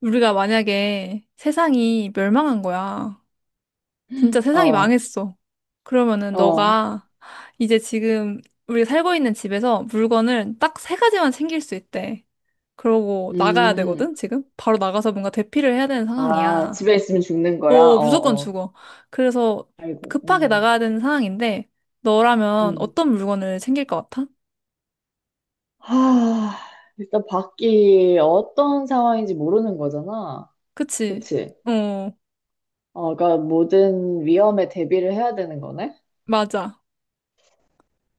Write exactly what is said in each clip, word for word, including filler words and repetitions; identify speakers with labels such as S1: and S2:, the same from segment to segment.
S1: 우리가 만약에 세상이 멸망한 거야. 진짜 세상이
S2: 어,
S1: 망했어. 그러면은
S2: 어,
S1: 너가 이제 지금 우리 살고 있는 집에서 물건을 딱 세 가지만 챙길 수 있대. 그러고 나가야
S2: 음,
S1: 되거든, 지금? 바로 나가서 뭔가 대피를 해야 되는
S2: 아,
S1: 상황이야.
S2: 집에 있으면 죽는 거야?
S1: 어,
S2: 어,
S1: 무조건
S2: 어,
S1: 죽어. 그래서
S2: 아이고,
S1: 급하게
S2: 음,
S1: 나가야 되는 상황인데, 너라면
S2: 음.
S1: 어떤 물건을 챙길 것 같아?
S2: 하, 일단 밖이 어떤 상황인지 모르는 거잖아.
S1: 그치?
S2: 그치?
S1: 어,
S2: 어, 그러니까 모든 위험에 대비를 해야 되는 거네?
S1: 맞아.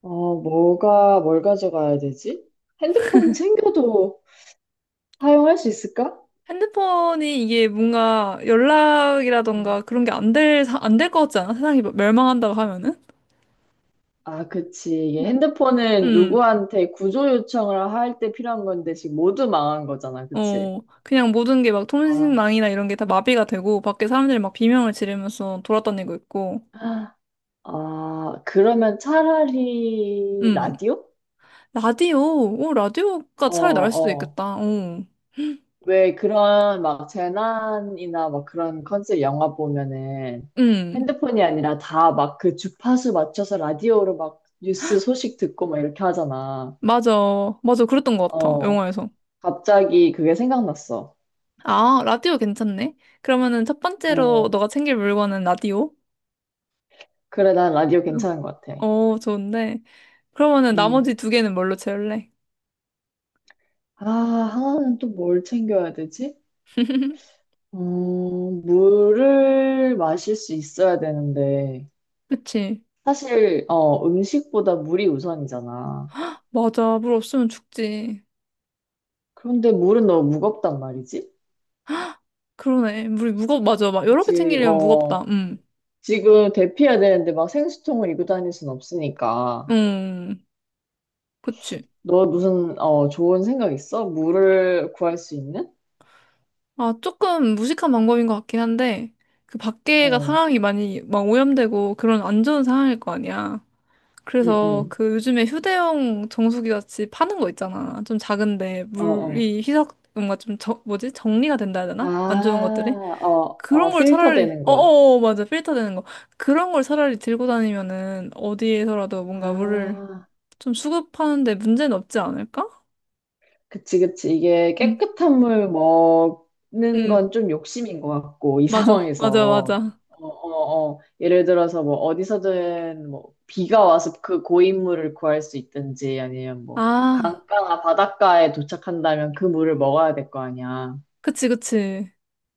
S2: 어, 뭐가, 뭘 가져가야 되지? 핸드폰 챙겨도 사용할 수 있을까?
S1: 핸드폰이 이게 뭔가
S2: 음.
S1: 연락이라던가 그런 게 안 될, 안 될 것 같지 않아? 세상이 막 멸망한다고 하면은?
S2: 아, 그치. 이게 핸드폰은
S1: 음,
S2: 누구한테 구조 요청을 할 때 필요한 건데 지금 모두 망한 거잖아. 그치?
S1: 어, 그냥 모든 게 막
S2: 아,
S1: 통신망이나 이런 게 다 마비가 되고, 밖에 사람들이 막 비명을 지르면서 돌아다니고 있고,
S2: 아, 그러면 차라리
S1: 음,
S2: 라디오?
S1: 라디오, 오, 라디오가
S2: 어,
S1: 차라리 나을 수도
S2: 어.
S1: 있겠다, 어,
S2: 왜 그런 막 재난이나 막 그런 컨셉 영화 보면은
S1: 음,
S2: 핸드폰이 아니라 다 막 그 주파수 맞춰서 라디오로 막 뉴스 소식 듣고 막 이렇게 하잖아.
S1: 맞아, 맞아, 그랬던 것 같아,
S2: 어,
S1: 영화에서.
S2: 갑자기 그게 생각났어.
S1: 아, 라디오 괜찮네? 그러면은 첫 번째로
S2: 어,
S1: 너가 챙길 물건은 라디오?
S2: 그래, 난 라디오 괜찮은 것 같아.
S1: 어, 좋은데. 그러면은
S2: 음.
S1: 나머지 두 개는 뭘로 채울래?
S2: 아, 하나는 또 뭘 챙겨야 되지? 어, 물을 마실 수 있어야 되는데.
S1: 그치?
S2: 사실, 어, 음식보다 물이 우선이잖아.
S1: 맞아. 물 없으면 죽지.
S2: 그런데 물은 너무 무겁단 말이지?
S1: 그러네. 물이 무겁, 맞아. 막 여러 개
S2: 그치,
S1: 챙기려면 무겁다.
S2: 어,
S1: 음.
S2: 지금 대피해야 되는데 막 생수통을 이고 다닐 순 없으니까.
S1: 음. 그치.
S2: 너 무슨, 어, 좋은 생각 있어? 물을 구할 수 있는?
S1: 아, 조금 무식한 방법인 것 같긴 한데, 그 밖에가
S2: 어,
S1: 상황이 많이 막 오염되고 그런 안 좋은 상황일 거 아니야.
S2: 응,
S1: 그래서
S2: 응,
S1: 그 요즘에 휴대용 정수기 같이 파는 거 있잖아. 좀 작은데
S2: 어, 어.
S1: 물이 희석, 뭔가 좀 저, 뭐지? 정리가 된다 해야
S2: 아,
S1: 되나? 안 좋은 것들이?
S2: 어, 어,
S1: 그런 걸
S2: 필터
S1: 차라리
S2: 되는 거.
S1: 어어 맞아 필터 되는 거 그런 걸 차라리 들고 다니면은 어디에서라도 뭔가 물을
S2: 아,
S1: 좀 수급하는데 문제는 없지 않을까?
S2: 그치, 그치. 이게
S1: 응,
S2: 깨끗한 물 먹는
S1: 응,
S2: 건 좀 욕심인 것 같고, 이
S1: 맞아, 맞아,
S2: 상황에서.
S1: 맞아.
S2: 어, 어, 어. 예를 들어서 뭐 어디서든 뭐 비가 와서 그 고인물을 구할 수 있든지 아니면 뭐
S1: 아,
S2: 강가나 바닷가에 도착한다면 그 물을 먹어야 될 거 아니야.
S1: 그치, 그치.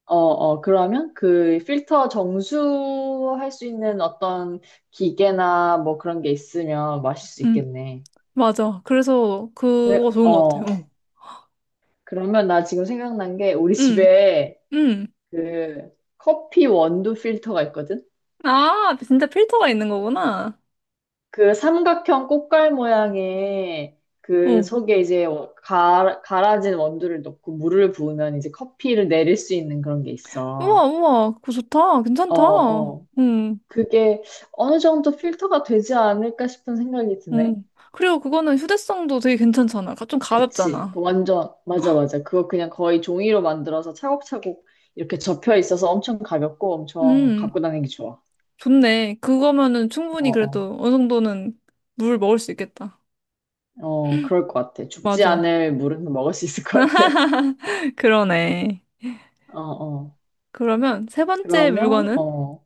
S2: 어, 어, 그러면 그 필터 정수할 수 있는 어떤 기계나 뭐 그런 게 있으면 마실 수
S1: 응,
S2: 있겠네.
S1: 맞아. 그래서 그거 좋은 것
S2: 어,
S1: 같아. 어.
S2: 그러면 나 지금 생각난 게 우리
S1: 응,
S2: 집에
S1: 응.
S2: 그 커피 원두 필터가 있거든?
S1: 아, 진짜 필터가 있는 거구나.
S2: 그 삼각형 꽃갈 모양의 그
S1: 어,
S2: 속에 이제 어, 가, 갈아진 원두를 넣고 물을 부으면 이제 커피를 내릴 수 있는 그런 게
S1: 우와,
S2: 있어.
S1: 우와, 그거 좋다.
S2: 어,
S1: 괜찮다.
S2: 어.
S1: 응,
S2: 그게 어느 정도 필터가 되지 않을까 싶은 생각이 드네.
S1: 응. 그리고 그거는 휴대성도 되게 괜찮잖아. 가- 좀
S2: 그치. 그
S1: 가볍잖아.
S2: 완전, 맞아, 맞아. 그거 그냥 거의 종이로 만들어서 차곡차곡 이렇게 접혀 있어서 엄청 가볍고 엄청
S1: 음.
S2: 갖고 다니기 좋아.
S1: 좋네. 그거면은
S2: 어,
S1: 충분히
S2: 어.
S1: 그래도 어느 정도는 물 먹을 수 있겠다.
S2: 어, 그럴 것 같아. 죽지
S1: 맞아.
S2: 않을 물은 먹을 수 있을 것 같아.
S1: 그러네.
S2: 어, 어.
S1: 그러면 세 번째
S2: 그러면,
S1: 물건은?
S2: 어,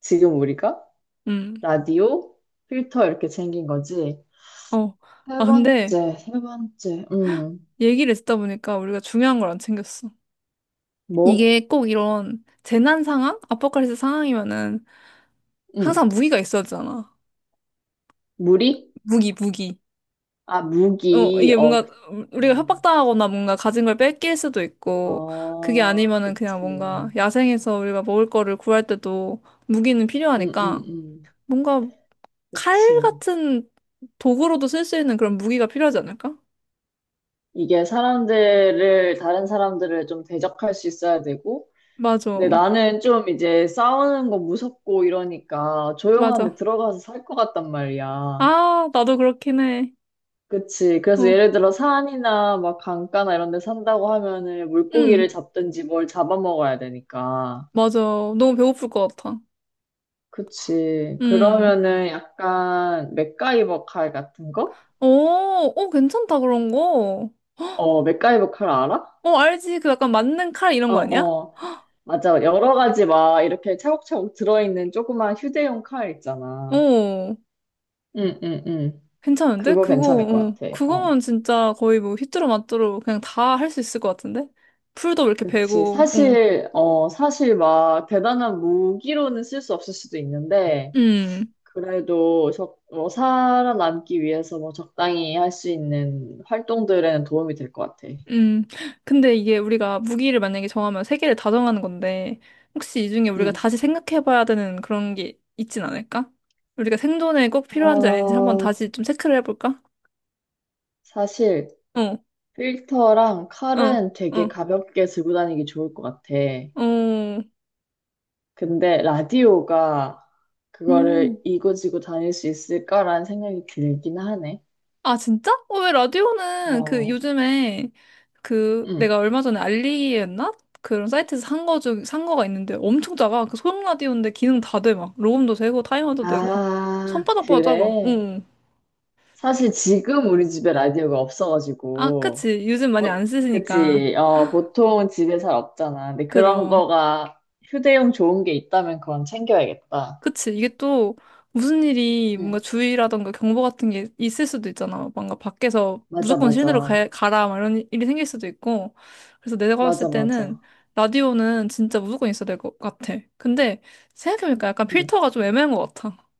S2: 지금 우리가
S1: 음.
S2: 라디오, 필터 이렇게 챙긴 거지.
S1: 어.
S2: 세
S1: 아, 근데
S2: 번째, 세 번째, 음,
S1: 얘기를 듣다 보니까 우리가 중요한 걸 안 챙겼어.
S2: 뭐?
S1: 이게 꼭 이런 재난 상황? 아포칼립스 상황이면은
S2: 음,
S1: 항상 무기가 있어야 되잖아.
S2: 무리?
S1: 무기, 무기.
S2: 아,
S1: 어,
S2: 무기,
S1: 이게
S2: 어,
S1: 뭔가
S2: 그치.
S1: 우리가 협박당하거나 뭔가 가진 걸 뺏길 수도 있고, 그게
S2: 어,
S1: 아니면은
S2: 그치.
S1: 그냥 뭔가
S2: 음,
S1: 야생에서 우리가 먹을 거를 구할 때도 무기는
S2: 음,
S1: 필요하니까
S2: 음,
S1: 뭔가 칼
S2: 그치.
S1: 같은 도구로도 쓸 수 있는 그런 무기가 필요하지 않을까?
S2: 이게 사람들을, 다른 사람들을 좀 대적할 수 있어야 되고, 근데
S1: 맞아.
S2: 나는 좀 이제 싸우는 거 무섭고 이러니까 조용한 데
S1: 맞아.
S2: 들어가서 살 것 같단 말이야.
S1: 아, 나도 그렇긴 해.
S2: 그치. 그래서
S1: 어.
S2: 예를 들어 산이나 막 강가나 이런 데 산다고 하면은 물고기를
S1: 응.
S2: 잡든지 뭘 잡아먹어야 되니까.
S1: 맞아. 너무 배고플 것 같아.
S2: 그치.
S1: 응.
S2: 그러면은 약간 맥가이버 칼 같은 거?
S1: 오, 오, 괜찮다, 그런 거.
S2: 어, 맥가이버 칼 알아?
S1: 어, 알지. 그 약간 맞는 칼 이런
S2: 어,
S1: 거 아니야?
S2: 어. 맞아. 여러 가지 막 이렇게 차곡차곡 들어있는 조그만 휴대용 칼 있잖아.
S1: 어.
S2: 응, 응, 응.
S1: 괜찮은데?
S2: 그거
S1: 그거,
S2: 괜찮을 것
S1: 어.
S2: 같아. 어.
S1: 그거면 진짜 거의 뭐 휘뚜루마뚜루 그냥 다 할 수 있을 것 같은데? 풀도 이렇게
S2: 그치.
S1: 베고, 어.
S2: 사실, 어, 사실 막 대단한 무기로는 쓸 수 없을 수도 있는데,
S1: 음.
S2: 그래도 적, 뭐 살아남기 위해서 뭐 적당히 할 수 있는 활동들에는 도움이 될 것 같아.
S1: 음, 근데 이게 우리가 무기를 만약에 정하면 세 개를 다 정하는 건데, 혹시 이 중에 우리가
S2: 응.
S1: 다시 생각해봐야 되는 그런 게 있진 않을까? 우리가 생존에 꼭 필요한지 아닌지 한번
S2: 어,
S1: 다시 좀 체크를 해볼까?
S2: 사실
S1: 어,
S2: 필터랑
S1: 어,
S2: 칼은 되게
S1: 어,
S2: 가볍게 들고 다니기 좋을 것 같아.
S1: 어,
S2: 근데 라디오가 그거를
S1: 음.
S2: 이고지고 다닐 수 있을까라는 생각이 들긴 하네.
S1: 아, 진짜? 어, 왜 라디오는 그
S2: 어,
S1: 요즘에 그 내가
S2: 응.
S1: 얼마 전에 알리기였나? 그런 사이트에서 산 거 중, 산 거가 있는데 엄청 작아. 그 소형 라디오인데 기능 다 돼, 막. 로음도 되고, 타이머도 되고.
S2: 아,
S1: 손바닥보다 작아.
S2: 그래.
S1: 어.
S2: 사실 지금 우리 집에 라디오가
S1: 아,
S2: 없어가지고.
S1: 그치. 요즘 많이
S2: 뭐,
S1: 안 쓰시니까.
S2: 그치. 어, 보통 집에 잘 없잖아. 근데 그런
S1: 그럼.
S2: 거가 휴대용 좋은 게 있다면 그건 챙겨야겠다.
S1: 그치. 이게 또 무슨 일이 뭔가
S2: 응.
S1: 주의라던가 경보 같은 게 있을 수도 있잖아. 뭔가 밖에서
S2: 맞아,
S1: 무조건 실내로 가,
S2: 맞아.
S1: 가라. 막 이런 일이 생길 수도 있고. 그래서 내가
S2: 맞아,
S1: 봤을 때는
S2: 맞아.
S1: 라디오는 진짜 무조건 있어야 될 것 같아. 근데 생각해보니까 약간
S2: 응.
S1: 필터가 좀 애매한 것 같아.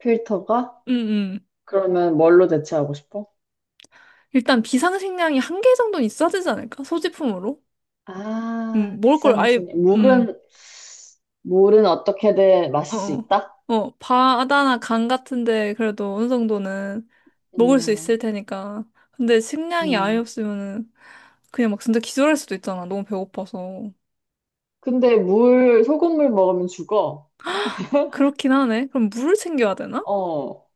S2: 필터가?
S1: 응, 응.
S2: 그러면 뭘로 대체하고 싶어?
S1: 일단 비상식량이 한 개 정도는 있어야 되지 않을까? 소지품으로?
S2: 아,
S1: 음,
S2: 비
S1: 먹을 걸
S2: 상
S1: 아예,
S2: 식
S1: 음.
S2: 물은, 물은 어떻게든
S1: 어,
S2: 마실 수 있다?
S1: 어, 어, 바다나 강 같은데 그래도 어느 정도는 먹을 수
S2: 음,
S1: 있을 테니까. 근데 식량이 아예
S2: 음.
S1: 없으면은 그냥 막 진짜 기절할 수도 있잖아. 너무 배고파서.
S2: 근데 물, 소금물 먹으면 죽어.
S1: 그렇긴 하네. 그럼 물을 챙겨야 되나?
S2: 어.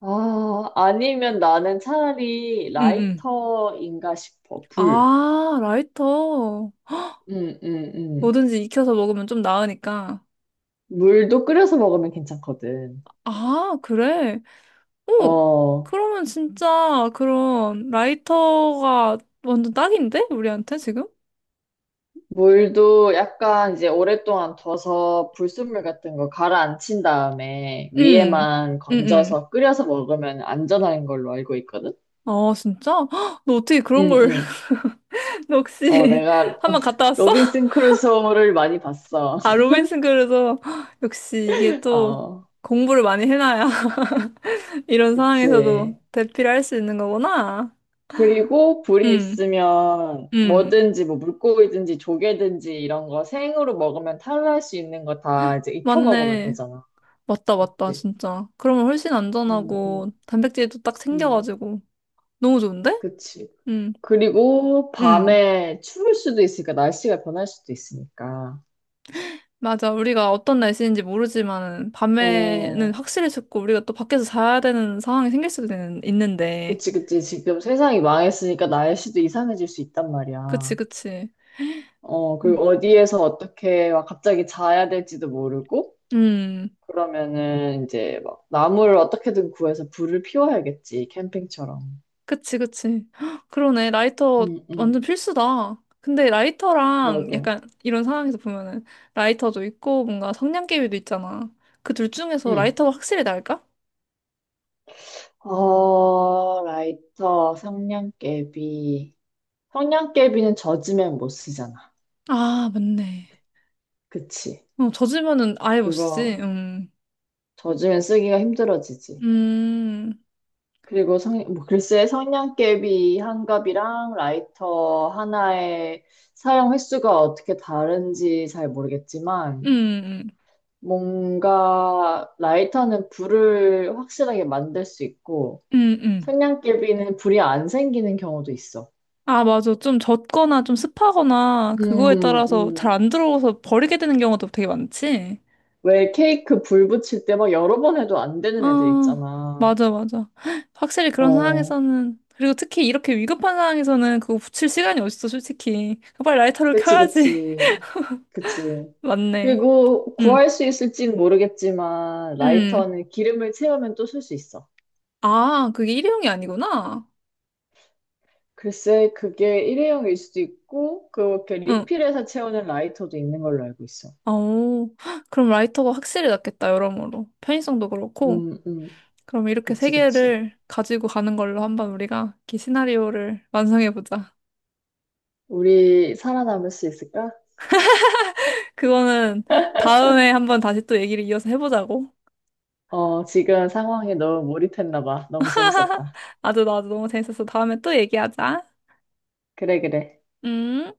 S2: 아, 아니면 나는 차라리
S1: 응, 응.
S2: 라이터인가 싶어. 불.
S1: 아, 라이터.
S2: 음, 음, 음.
S1: 뭐든지 익혀서 먹으면 좀 나으니까.
S2: 물도 끓여서 먹으면 괜찮거든.
S1: 아, 그래. 오,
S2: 어,
S1: 그러면 진짜 그런 라이터가 완전 딱인데? 우리한테 지금?
S2: 물도 약간 이제 오랫동안 둬서 불순물 같은 거 가라앉힌 다음에
S1: 응,
S2: 위에만
S1: 응, 응.
S2: 건져서 끓여서 먹으면 안전한 걸로 알고 있거든?
S1: 아, 진짜? 헉, 너 어떻게 그런
S2: 응,
S1: 걸,
S2: 응.
S1: 너
S2: 어,
S1: 혹시
S2: 내가
S1: 한 번 갔다 왔어?
S2: 로빈슨 크루소를 많이 봤어.
S1: 아, 로빈슨 그루소. 헉, 역시 이게 또
S2: 어,
S1: 공부를 많이 해놔야 이런 상황에서도
S2: 그치.
S1: 대피를 할 수 있는 거구나.
S2: 그리고 불이
S1: 응,
S2: 있으면
S1: 응.
S2: 뭐든지 뭐 물고기든지 조개든지 이런 거 생으로 먹으면 탈할 수 있는 거 다 이제 익혀 먹으면
S1: 맞네.
S2: 되잖아.
S1: 맞다, 맞다,
S2: 그치.
S1: 진짜. 그러면 훨씬
S2: 음,
S1: 안전하고
S2: 음,
S1: 단백질도 딱
S2: 음.
S1: 생겨가지고 너무 좋은데?
S2: 그치.
S1: 응,
S2: 그리고
S1: 응.
S2: 밤에 추울 수도 있으니까 날씨가 변할 수도 있으니까.
S1: 맞아. 우리가 어떤 날씨인지 모르지만 밤에는
S2: 어,
S1: 확실히 춥고 우리가 또 밖에서 자야 되는 상황이 생길 수도 있는- 있는데.
S2: 그치, 그치. 지금 세상이 망했으니까 날씨도 이상해질 수 있단
S1: 그치,
S2: 말이야.
S1: 그치.
S2: 어, 그리고
S1: 음,
S2: 어디에서 어떻게 막 갑자기 자야 될지도 모르고,
S1: 음,
S2: 그러면은 이제 막 나무를 어떻게든 구해서 불을 피워야겠지, 캠핑처럼.
S1: 그치, 그치. 헉, 그러네. 라이터
S2: 응,
S1: 완전
S2: 응,
S1: 필수다. 근데 라이터랑
S2: 그러게.
S1: 약간 이런 상황에서 보면은 라이터도 있고 뭔가 성냥개비도 있잖아. 그 둘 중에서
S2: 응.
S1: 라이터가 확실히 나을까?
S2: 어, 라이터, 성냥개비. 성냥개비는 젖으면 못 쓰잖아.
S1: 아, 맞네.
S2: 그치?
S1: 어, 젖으면은 아예 못 쓰지.
S2: 그거
S1: 음,
S2: 젖으면 쓰기가 힘들어지지.
S1: 음,
S2: 그리고 성, 뭐 글쎄 성냥개비 한 갑이랑 라이터 하나의 사용 횟수가 어떻게 다른지 잘
S1: 음,
S2: 모르겠지만
S1: 음,
S2: 뭔가 라이터는 불을 확실하게 만들 수 있고
S1: 음. 음. 음.
S2: 성냥개비는 불이 안 생기는 경우도 있어.
S1: 아, 맞아. 좀 젖거나 좀 습하거나 그거에
S2: 음,
S1: 따라서 잘
S2: 음.
S1: 안 들어오서 버리게 되는 경우도 되게 많지.
S2: 왜 케이크 불 붙일 때 막 여러 번 해도 안 되는 애들
S1: 아,
S2: 있잖아.
S1: 맞아, 맞아. 확실히 그런
S2: 어.
S1: 상황에서는, 그리고 특히 이렇게 위급한 상황에서는 그거 붙일 시간이 어딨어, 솔직히. 빨리 라이터를
S2: 그치,
S1: 켜야지.
S2: 그치, 그치.
S1: 맞네.
S2: 그리고
S1: 응,
S2: 구할 수 있을진 모르겠지만,
S1: 응.
S2: 라이터는 기름을 채우면 또 쓸 수 있어.
S1: 아, 그게 일회용이 아니구나.
S2: 글쎄, 그게 일회용일 수도 있고, 그렇게
S1: 응.
S2: 리필해서 채우는 라이터도 있는 걸로 알고 있어.
S1: 아오 그럼 라이터가 확실히 낫겠다, 여러모로. 편의성도 그렇고.
S2: 음, 음,
S1: 그럼 이렇게 세
S2: 그치, 그치.
S1: 개를 가지고 가는 걸로 한번 우리가 이 시나리오를 완성해보자.
S2: 우리 살아남을 수 있을까?
S1: 그거는 다음에 한번 다시 또 얘기를 이어서 해보자고.
S2: 어, 지금 상황에 너무 몰입했나 봐. 너무 재밌었다.
S1: 아주 나도 너무 재밌어서 다음에 또 얘기하자.
S2: 그래, 그래.
S1: 음,